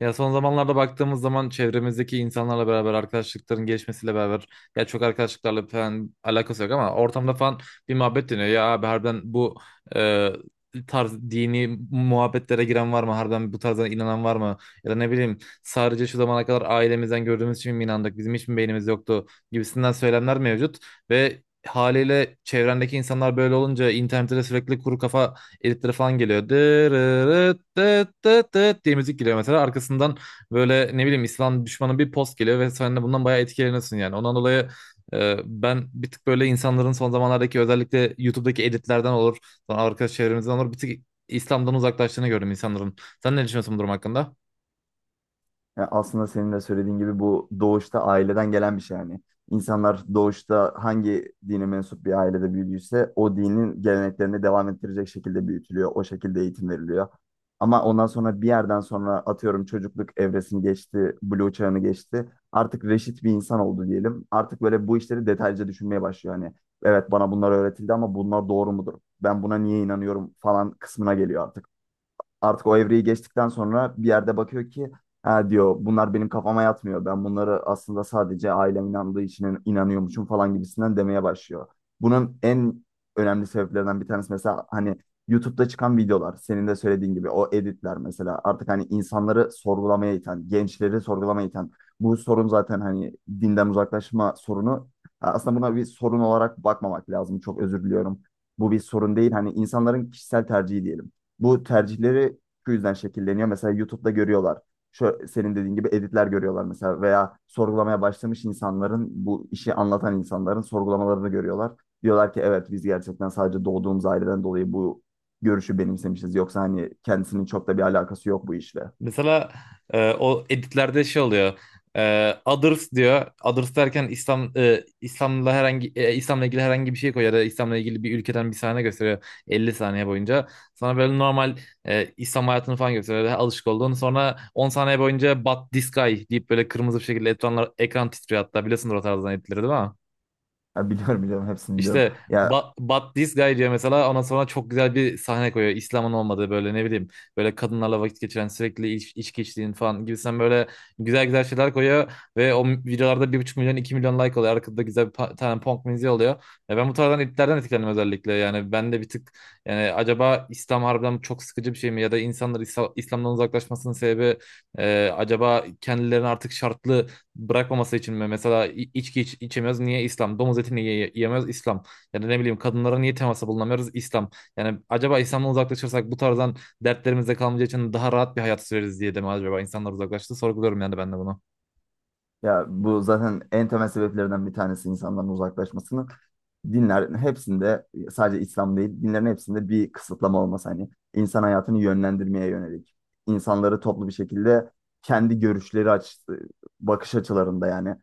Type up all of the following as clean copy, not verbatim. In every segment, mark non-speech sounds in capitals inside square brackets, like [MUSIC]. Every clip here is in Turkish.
Ya son zamanlarda baktığımız zaman çevremizdeki insanlarla beraber arkadaşlıkların gelişmesiyle beraber ya çok arkadaşlıklarla falan alakası yok ama ortamda falan bir muhabbet dönüyor. Ya abi harbiden bu e, tarz dini muhabbetlere giren var mı? Harbiden bu tarzdan inanan var mı? Ya da ne bileyim sadece şu zamana kadar ailemizden gördüğümüz için mi inandık? Bizim hiç mi beynimiz yoktu? Gibisinden söylemler mevcut ve haliyle çevrendeki insanlar böyle olunca internette de sürekli kuru kafa editleri falan geliyor. Dırırıt, dıt, dıt, dıt diye müzik geliyor mesela. Arkasından böyle ne bileyim İslam düşmanı bir post geliyor ve sen de bundan bayağı etkileniyorsun yani. Ondan dolayı ben bir tık böyle insanların son zamanlardaki özellikle YouTube'daki editlerden olur, sonra arkadaş çevremizden olur bir tık İslam'dan uzaklaştığını gördüm insanların. Sen ne düşünüyorsun bu durum hakkında? Ya aslında senin de söylediğin gibi bu doğuşta aileden gelen bir şey yani. İnsanlar doğuşta hangi dine mensup bir ailede büyüdüyse o dinin geleneklerini devam ettirecek şekilde büyütülüyor. O şekilde eğitim veriliyor. Ama ondan sonra bir yerden sonra atıyorum çocukluk evresini geçti, buluğ çağını geçti. Artık reşit bir insan oldu diyelim. Artık böyle bu işleri detaylıca düşünmeye başlıyor. Hani evet bana bunlar öğretildi ama bunlar doğru mudur? Ben buna niye inanıyorum falan kısmına geliyor artık o evreyi geçtikten sonra bir yerde bakıyor ki ha diyor bunlar benim kafama yatmıyor. Ben bunları aslında sadece ailem inandığı için inanıyormuşum falan gibisinden demeye başlıyor. Bunun en önemli sebeplerinden bir tanesi mesela hani YouTube'da çıkan videolar senin de söylediğin gibi o editler mesela artık hani insanları sorgulamaya iten, gençleri sorgulamaya iten bu sorun zaten hani dinden uzaklaşma sorunu aslında buna bir sorun olarak bakmamak lazım. Çok özür diliyorum. Bu bir sorun değil. Hani insanların kişisel tercihi diyelim. Bu tercihleri şu yüzden şekilleniyor. Mesela YouTube'da görüyorlar. Şu, senin dediğin gibi editler görüyorlar mesela veya sorgulamaya başlamış insanların bu işi anlatan insanların sorgulamalarını görüyorlar. Diyorlar ki evet biz gerçekten sadece doğduğumuz aileden dolayı bu görüşü benimsemişiz. Yoksa hani kendisinin çok da bir alakası yok bu işle. Mesela o editlerde şey oluyor. Others diyor. Others derken İslam İslam'la herhangi İslam'la ilgili herhangi bir şey koyuyor ya da İslam'la ilgili bir ülkeden bir sahne gösteriyor 50 saniye boyunca. Sana böyle normal İslam hayatını falan gösteriyor. Daha alışık olduğun. Sonra 10 saniye boyunca But this guy deyip böyle kırmızı bir şekilde ekranlar ekran titriyor hatta. Biliyorsundur o tarzdan editleri değil mi? Ya biliyorum, biliyorum, hepsini biliyorum. İşte Ya. But, But This Guy diyor mesela ondan sonra çok güzel bir sahne koyuyor. İslam'ın olmadığı böyle ne bileyim böyle kadınlarla vakit geçiren sürekli içki içtiğin falan gibisinden böyle güzel güzel şeyler koyuyor. Ve o videolarda 1,5 milyon 2 milyon like oluyor. Arkada güzel bir tane punk müziği oluyor. Ya ben bu tarzdan iplerden etkilendim özellikle. Yani ben de bir tık yani acaba İslam harbiden çok sıkıcı bir şey mi? Ya da insanlar İslam'dan uzaklaşmasının sebebi acaba kendilerini artık şartlı bırakmaması için mi? Mesela içki içemiyoruz niye İslam? Domuz etini niye yiyemiyoruz İslam? Ya da ne bileyim kadınlara niye temasa bulunamıyoruz İslam? Yani acaba İslam'dan uzaklaşırsak bu tarzdan dertlerimizde kalmayacağı için daha rahat bir hayat süreriz diye de mi acaba insanlar uzaklaştı? Sorguluyorum yani ben de bunu. Ya, bu zaten en temel sebeplerden bir tanesi insanların uzaklaşmasının. Dinler hepsinde sadece İslam değil, dinlerin hepsinde bir kısıtlama olması hani insan hayatını yönlendirmeye yönelik. İnsanları toplu bir şekilde kendi görüşleri bakış açılarında yani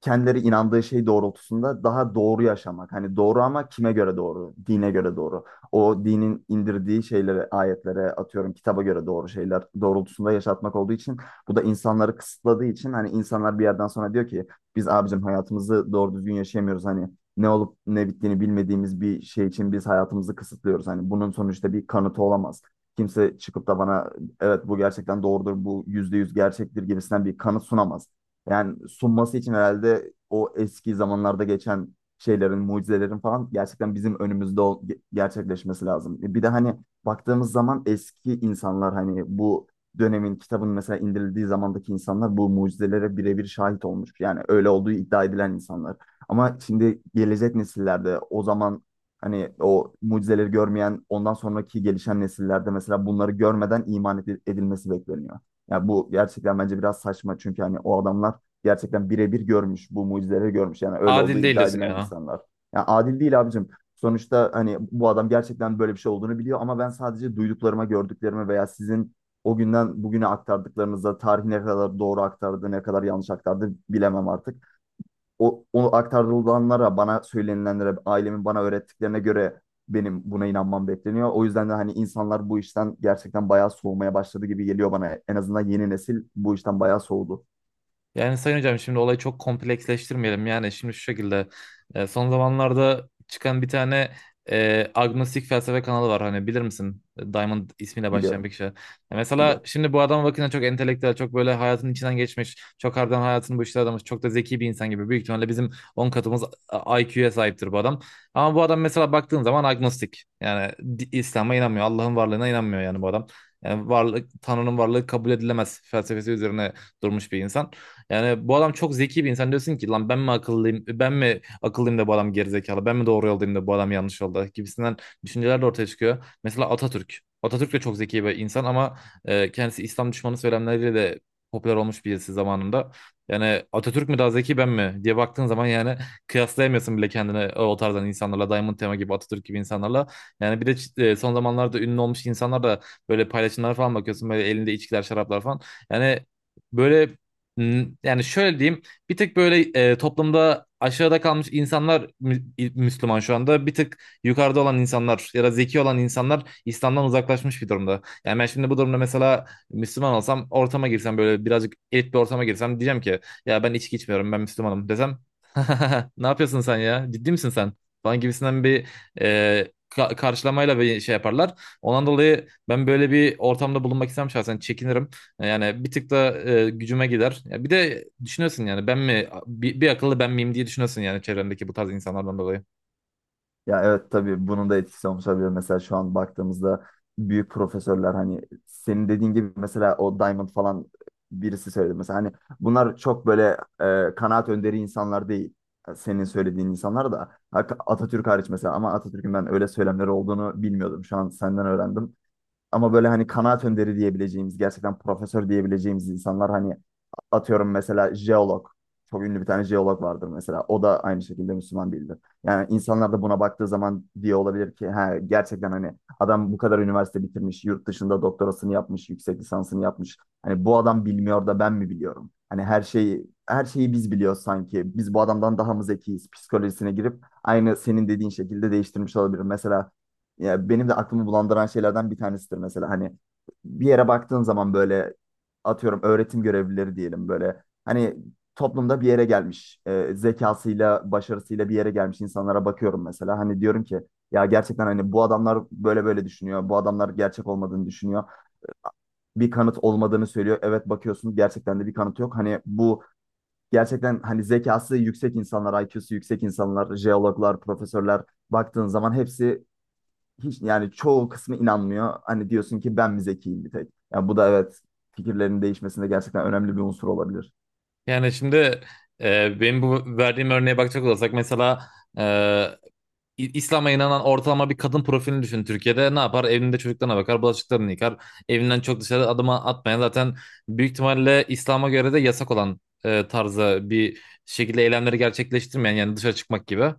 kendileri inandığı şey doğrultusunda daha doğru yaşamak. Hani doğru ama kime göre doğru? Dine göre doğru. O dinin indirdiği şeylere, ayetlere atıyorum kitaba göre doğru şeyler doğrultusunda yaşatmak olduğu için bu da insanları kısıtladığı için hani insanlar bir yerden sonra diyor ki biz abicim hayatımızı doğru düzgün yaşayamıyoruz. Hani ne olup ne bittiğini bilmediğimiz bir şey için biz hayatımızı kısıtlıyoruz. Hani bunun sonuçta bir kanıtı olamaz. Kimse çıkıp da bana evet bu gerçekten doğrudur, bu yüzde yüz gerçektir gibisinden bir kanıt sunamaz. Yani sunması için herhalde o eski zamanlarda geçen şeylerin, mucizelerin falan gerçekten bizim önümüzde gerçekleşmesi lazım. Bir de hani baktığımız zaman eski insanlar hani bu dönemin kitabın mesela indirildiği zamandaki insanlar bu mucizelere birebir şahit olmuş. Yani öyle olduğu iddia edilen insanlar. Ama şimdi gelecek nesillerde o zaman hani o mucizeleri görmeyen ondan sonraki gelişen nesillerde mesela bunları görmeden iman edilmesi bekleniyor. Ya bu gerçekten bence biraz saçma çünkü hani o adamlar gerçekten birebir görmüş, bu mucizeleri görmüş. Yani öyle olduğu Adil değil iddia diyorsun edilen yani. insanlar. Yani adil değil abicim. Sonuçta hani bu adam gerçekten böyle bir şey olduğunu biliyor ama ben sadece duyduklarıma, gördüklerime veya sizin o günden bugüne aktardıklarınıza tarih ne kadar doğru aktardı, ne kadar yanlış aktardı bilemem artık. O aktarılanlara, bana söylenilenlere, ailemin bana öğrettiklerine göre benim buna inanmam bekleniyor. O yüzden de hani insanlar bu işten gerçekten bayağı soğumaya başladı gibi geliyor bana. En azından yeni nesil bu işten bayağı soğudu. Yani Sayın Hocam şimdi olayı çok kompleksleştirmeyelim. Yani şimdi şu şekilde son zamanlarda çıkan bir tane agnostik felsefe kanalı var. Hani bilir misin? Diamond ismiyle başlayan bir Biliyorum, kişi. Mesela biliyorum. şimdi bu adama bakınca çok entelektüel, çok böyle hayatın içinden geçmiş, çok harbiden hayatını bu işlere adamış, çok da zeki bir insan gibi. Büyük ihtimalle bizim 10 katımız IQ'ya sahiptir bu adam. Ama bu adam mesela baktığın zaman agnostik. Yani İslam'a inanmıyor, Allah'ın varlığına inanmıyor yani bu adam. Yani varlık, Tanrı'nın varlığı kabul edilemez felsefesi üzerine durmuş bir insan. Yani bu adam çok zeki bir insan. Diyorsun ki lan ben mi akıllıyım? Ben mi akıllıyım da bu adam gerizekalı? Ben mi doğru yoldayım da bu adam yanlış yolda? Gibisinden düşünceler de ortaya çıkıyor. Mesela Atatürk. Atatürk de çok zeki bir insan ama kendisi İslam düşmanı söylemleriyle de popüler olmuş birisi zamanında. Yani Atatürk mü daha zeki ben mi diye baktığın zaman yani kıyaslayamıyorsun bile kendini o tarzdan insanlarla. Diamond Tema gibi Atatürk gibi insanlarla. Yani bir de son zamanlarda ünlü olmuş insanlar da böyle paylaşımlara falan bakıyorsun. Böyle elinde içkiler, şaraplar falan. Yani böyle. Yani şöyle diyeyim, bir tık böyle toplumda aşağıda kalmış insanlar Müslüman şu anda. Bir tık yukarıda olan insanlar ya da zeki olan insanlar İslam'dan uzaklaşmış bir durumda. Yani ben şimdi bu durumda mesela Müslüman olsam, ortama girsem böyle birazcık elit bir ortama girsem diyeceğim ki ya ben içki içmiyorum, ben Müslümanım desem [LAUGHS] ne yapıyorsun sen ya? Ciddi misin sen? Falan gibisinden bir karşılamayla bir şey yaparlar. Ondan dolayı ben böyle bir ortamda bulunmak istemem şahsen çekinirim. Yani bir tık da gücüme gider. Ya bir de düşünüyorsun yani ben mi bir akıllı ben miyim diye düşünüyorsun yani çevrendeki bu tarz insanlardan dolayı. Ya evet tabii bunun da etkisi olmuş olabilir. Mesela şu an baktığımızda büyük profesörler hani senin dediğin gibi mesela o Diamond falan birisi söyledi. Mesela hani bunlar çok böyle kanaat önderi insanlar değil. Senin söylediğin insanlar da Atatürk hariç mesela ama Atatürk'ün ben öyle söylemleri olduğunu bilmiyordum. Şu an senden öğrendim. Ama böyle hani kanaat önderi diyebileceğimiz, gerçekten profesör diyebileceğimiz insanlar hani atıyorum mesela jeolog. Çok ünlü bir tane jeolog vardır mesela. O da aynı şekilde Müslüman değildir. Yani insanlar da buna baktığı zaman diye olabilir ki ha, gerçekten hani adam bu kadar üniversite bitirmiş, yurt dışında doktorasını yapmış, yüksek lisansını yapmış. Hani bu adam bilmiyor da ben mi biliyorum? Hani her şeyi her şeyi biz biliyoruz sanki. Biz bu adamdan daha mı zekiyiz? Psikolojisine girip aynı senin dediğin şekilde değiştirmiş olabilir. Mesela ya benim de aklımı bulandıran şeylerden bir tanesidir mesela. Hani bir yere baktığın zaman böyle atıyorum öğretim görevlileri diyelim böyle. Hani toplumda bir yere gelmiş, zekasıyla, başarısıyla bir yere gelmiş insanlara bakıyorum mesela. Hani diyorum ki ya gerçekten hani bu adamlar böyle böyle düşünüyor. Bu adamlar gerçek olmadığını düşünüyor. Bir kanıt olmadığını söylüyor. Evet bakıyorsun gerçekten de bir kanıt yok. Hani bu gerçekten hani zekası yüksek insanlar, IQ'su yüksek insanlar, jeologlar, profesörler baktığın zaman hepsi hiç yani çoğu kısmı inanmıyor. Hani diyorsun ki ben mi zekiyim bir tek? Yani bu da evet fikirlerin değişmesinde gerçekten önemli bir unsur olabilir. Yani şimdi benim bu verdiğim örneğe bakacak olursak mesela e, İslam'a inanan ortalama bir kadın profilini düşün Türkiye'de. Ne yapar? Evinde çocuklarına bakar, bulaşıklarını yıkar. Evinden çok dışarı adım atmayan zaten büyük ihtimalle İslam'a göre de yasak olan tarzda bir şekilde eylemleri gerçekleştirmeyen yani dışarı çıkmak gibi.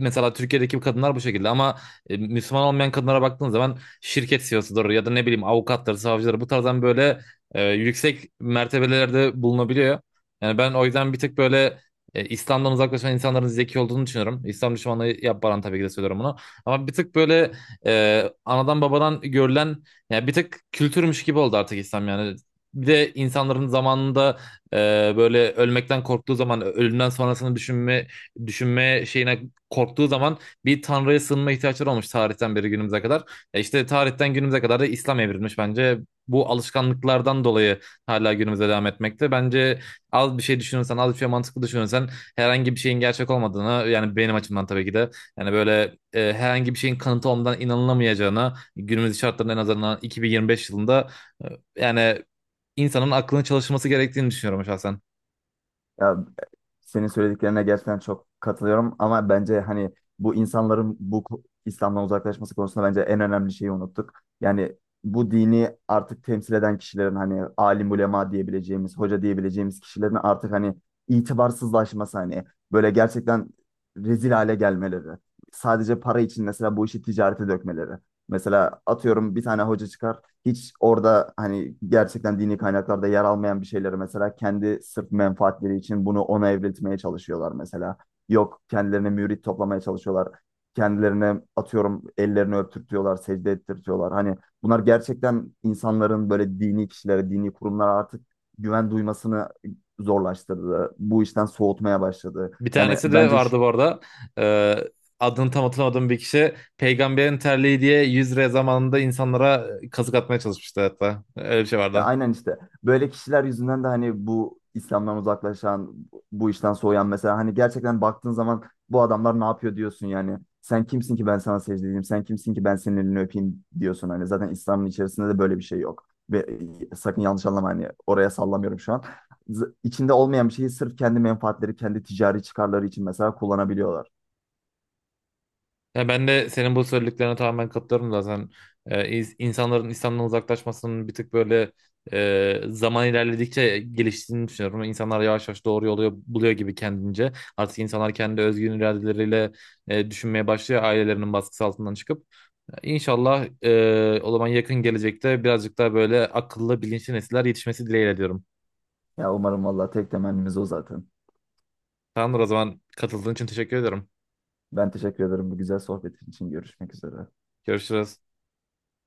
Mesela Türkiye'deki kadınlar bu şekilde ama Müslüman olmayan kadınlara baktığın zaman şirket CEO'sudur ya da ne bileyim avukatları, savcıları bu tarzdan böyle yüksek mertebelerde bulunabiliyor. Yani ben o yüzden bir tık böyle İslam'dan uzaklaşan insanların zeki olduğunu düşünüyorum. İslam düşmanlığı yapmadan tabii ki de söylüyorum bunu. Ama bir tık böyle anadan babadan görülen yani bir tık kültürmüş gibi oldu artık İslam yani. Bir de insanların zamanında e, böyle ölmekten korktuğu zaman ölümden sonrasını düşünme şeyine korktuğu zaman bir tanrıya sığınma ihtiyaçları olmuş tarihten beri günümüze kadar. İşte tarihten günümüze kadar da İslam evrilmiş bence. Bu alışkanlıklardan dolayı hala günümüze devam etmekte. Bence az bir şey düşünürsen, az bir şey mantıklı düşünürsen herhangi bir şeyin gerçek olmadığını yani benim açımdan tabii ki de yani böyle herhangi bir şeyin kanıtı olmadan inanılamayacağına günümüz şartlarında en azından 2025 yılında yani insanın aklının çalışması gerektiğini düşünüyorum şahsen. Ya senin söylediklerine gerçekten çok katılıyorum ama bence hani bu insanların bu İslam'dan uzaklaşması konusunda bence en önemli şeyi unuttuk. Yani bu dini artık temsil eden kişilerin hani alim ulema diyebileceğimiz, hoca diyebileceğimiz kişilerin artık hani itibarsızlaşması hani böyle gerçekten rezil hale gelmeleri. Sadece para için mesela bu işi ticarete dökmeleri. Mesela atıyorum bir tane hoca çıkar hiç orada hani gerçekten dini kaynaklarda yer almayan bir şeyleri mesela kendi sırf menfaatleri için bunu ona evriltmeye çalışıyorlar mesela. Yok kendilerine mürit toplamaya çalışıyorlar. Kendilerine atıyorum ellerini öptürtüyorlar, secde ettirtiyorlar. Hani bunlar gerçekten insanların böyle dini kişilere, dini kurumlara artık güven duymasını zorlaştırdı. Bu işten soğutmaya başladı. Bir Yani tanesi de bence vardı bu arada. E, Adını tam hatırlamadığım bir kişi peygamberin terliği diye 100 liraya zamanında insanlara kazık atmaya çalışmıştı hatta. Öyle bir şey Ya vardı. aynen işte böyle kişiler yüzünden de hani bu İslam'dan uzaklaşan, bu işten soğuyan mesela hani gerçekten baktığın zaman bu adamlar ne yapıyor diyorsun yani. Sen kimsin ki ben sana secde edeyim, sen kimsin ki ben senin elini öpeyim diyorsun hani. Zaten İslam'ın içerisinde de böyle bir şey yok. Ve sakın yanlış anlama hani oraya sallamıyorum şu an. İçinde olmayan bir şeyi sırf kendi menfaatleri, kendi ticari çıkarları için mesela kullanabiliyorlar. Ya ben de senin bu söylediklerine tamamen katılıyorum zaten. İnsanların İslam'dan uzaklaşmasının bir tık böyle zaman ilerledikçe geliştiğini düşünüyorum. İnsanlar yavaş yavaş doğru yolu buluyor gibi kendince. Artık insanlar kendi özgün iradeleriyle düşünmeye başlıyor ailelerinin baskısı altından çıkıp. İnşallah o zaman yakın gelecekte birazcık daha böyle akıllı bilinçli nesiller yetişmesi dileğiyle diyorum. Ya umarım valla tek temennimiz o zaten. Tamamdır o zaman katıldığın için teşekkür ederim. Ben teşekkür ederim bu güzel sohbet için. Görüşmek üzere. Görüşürüz.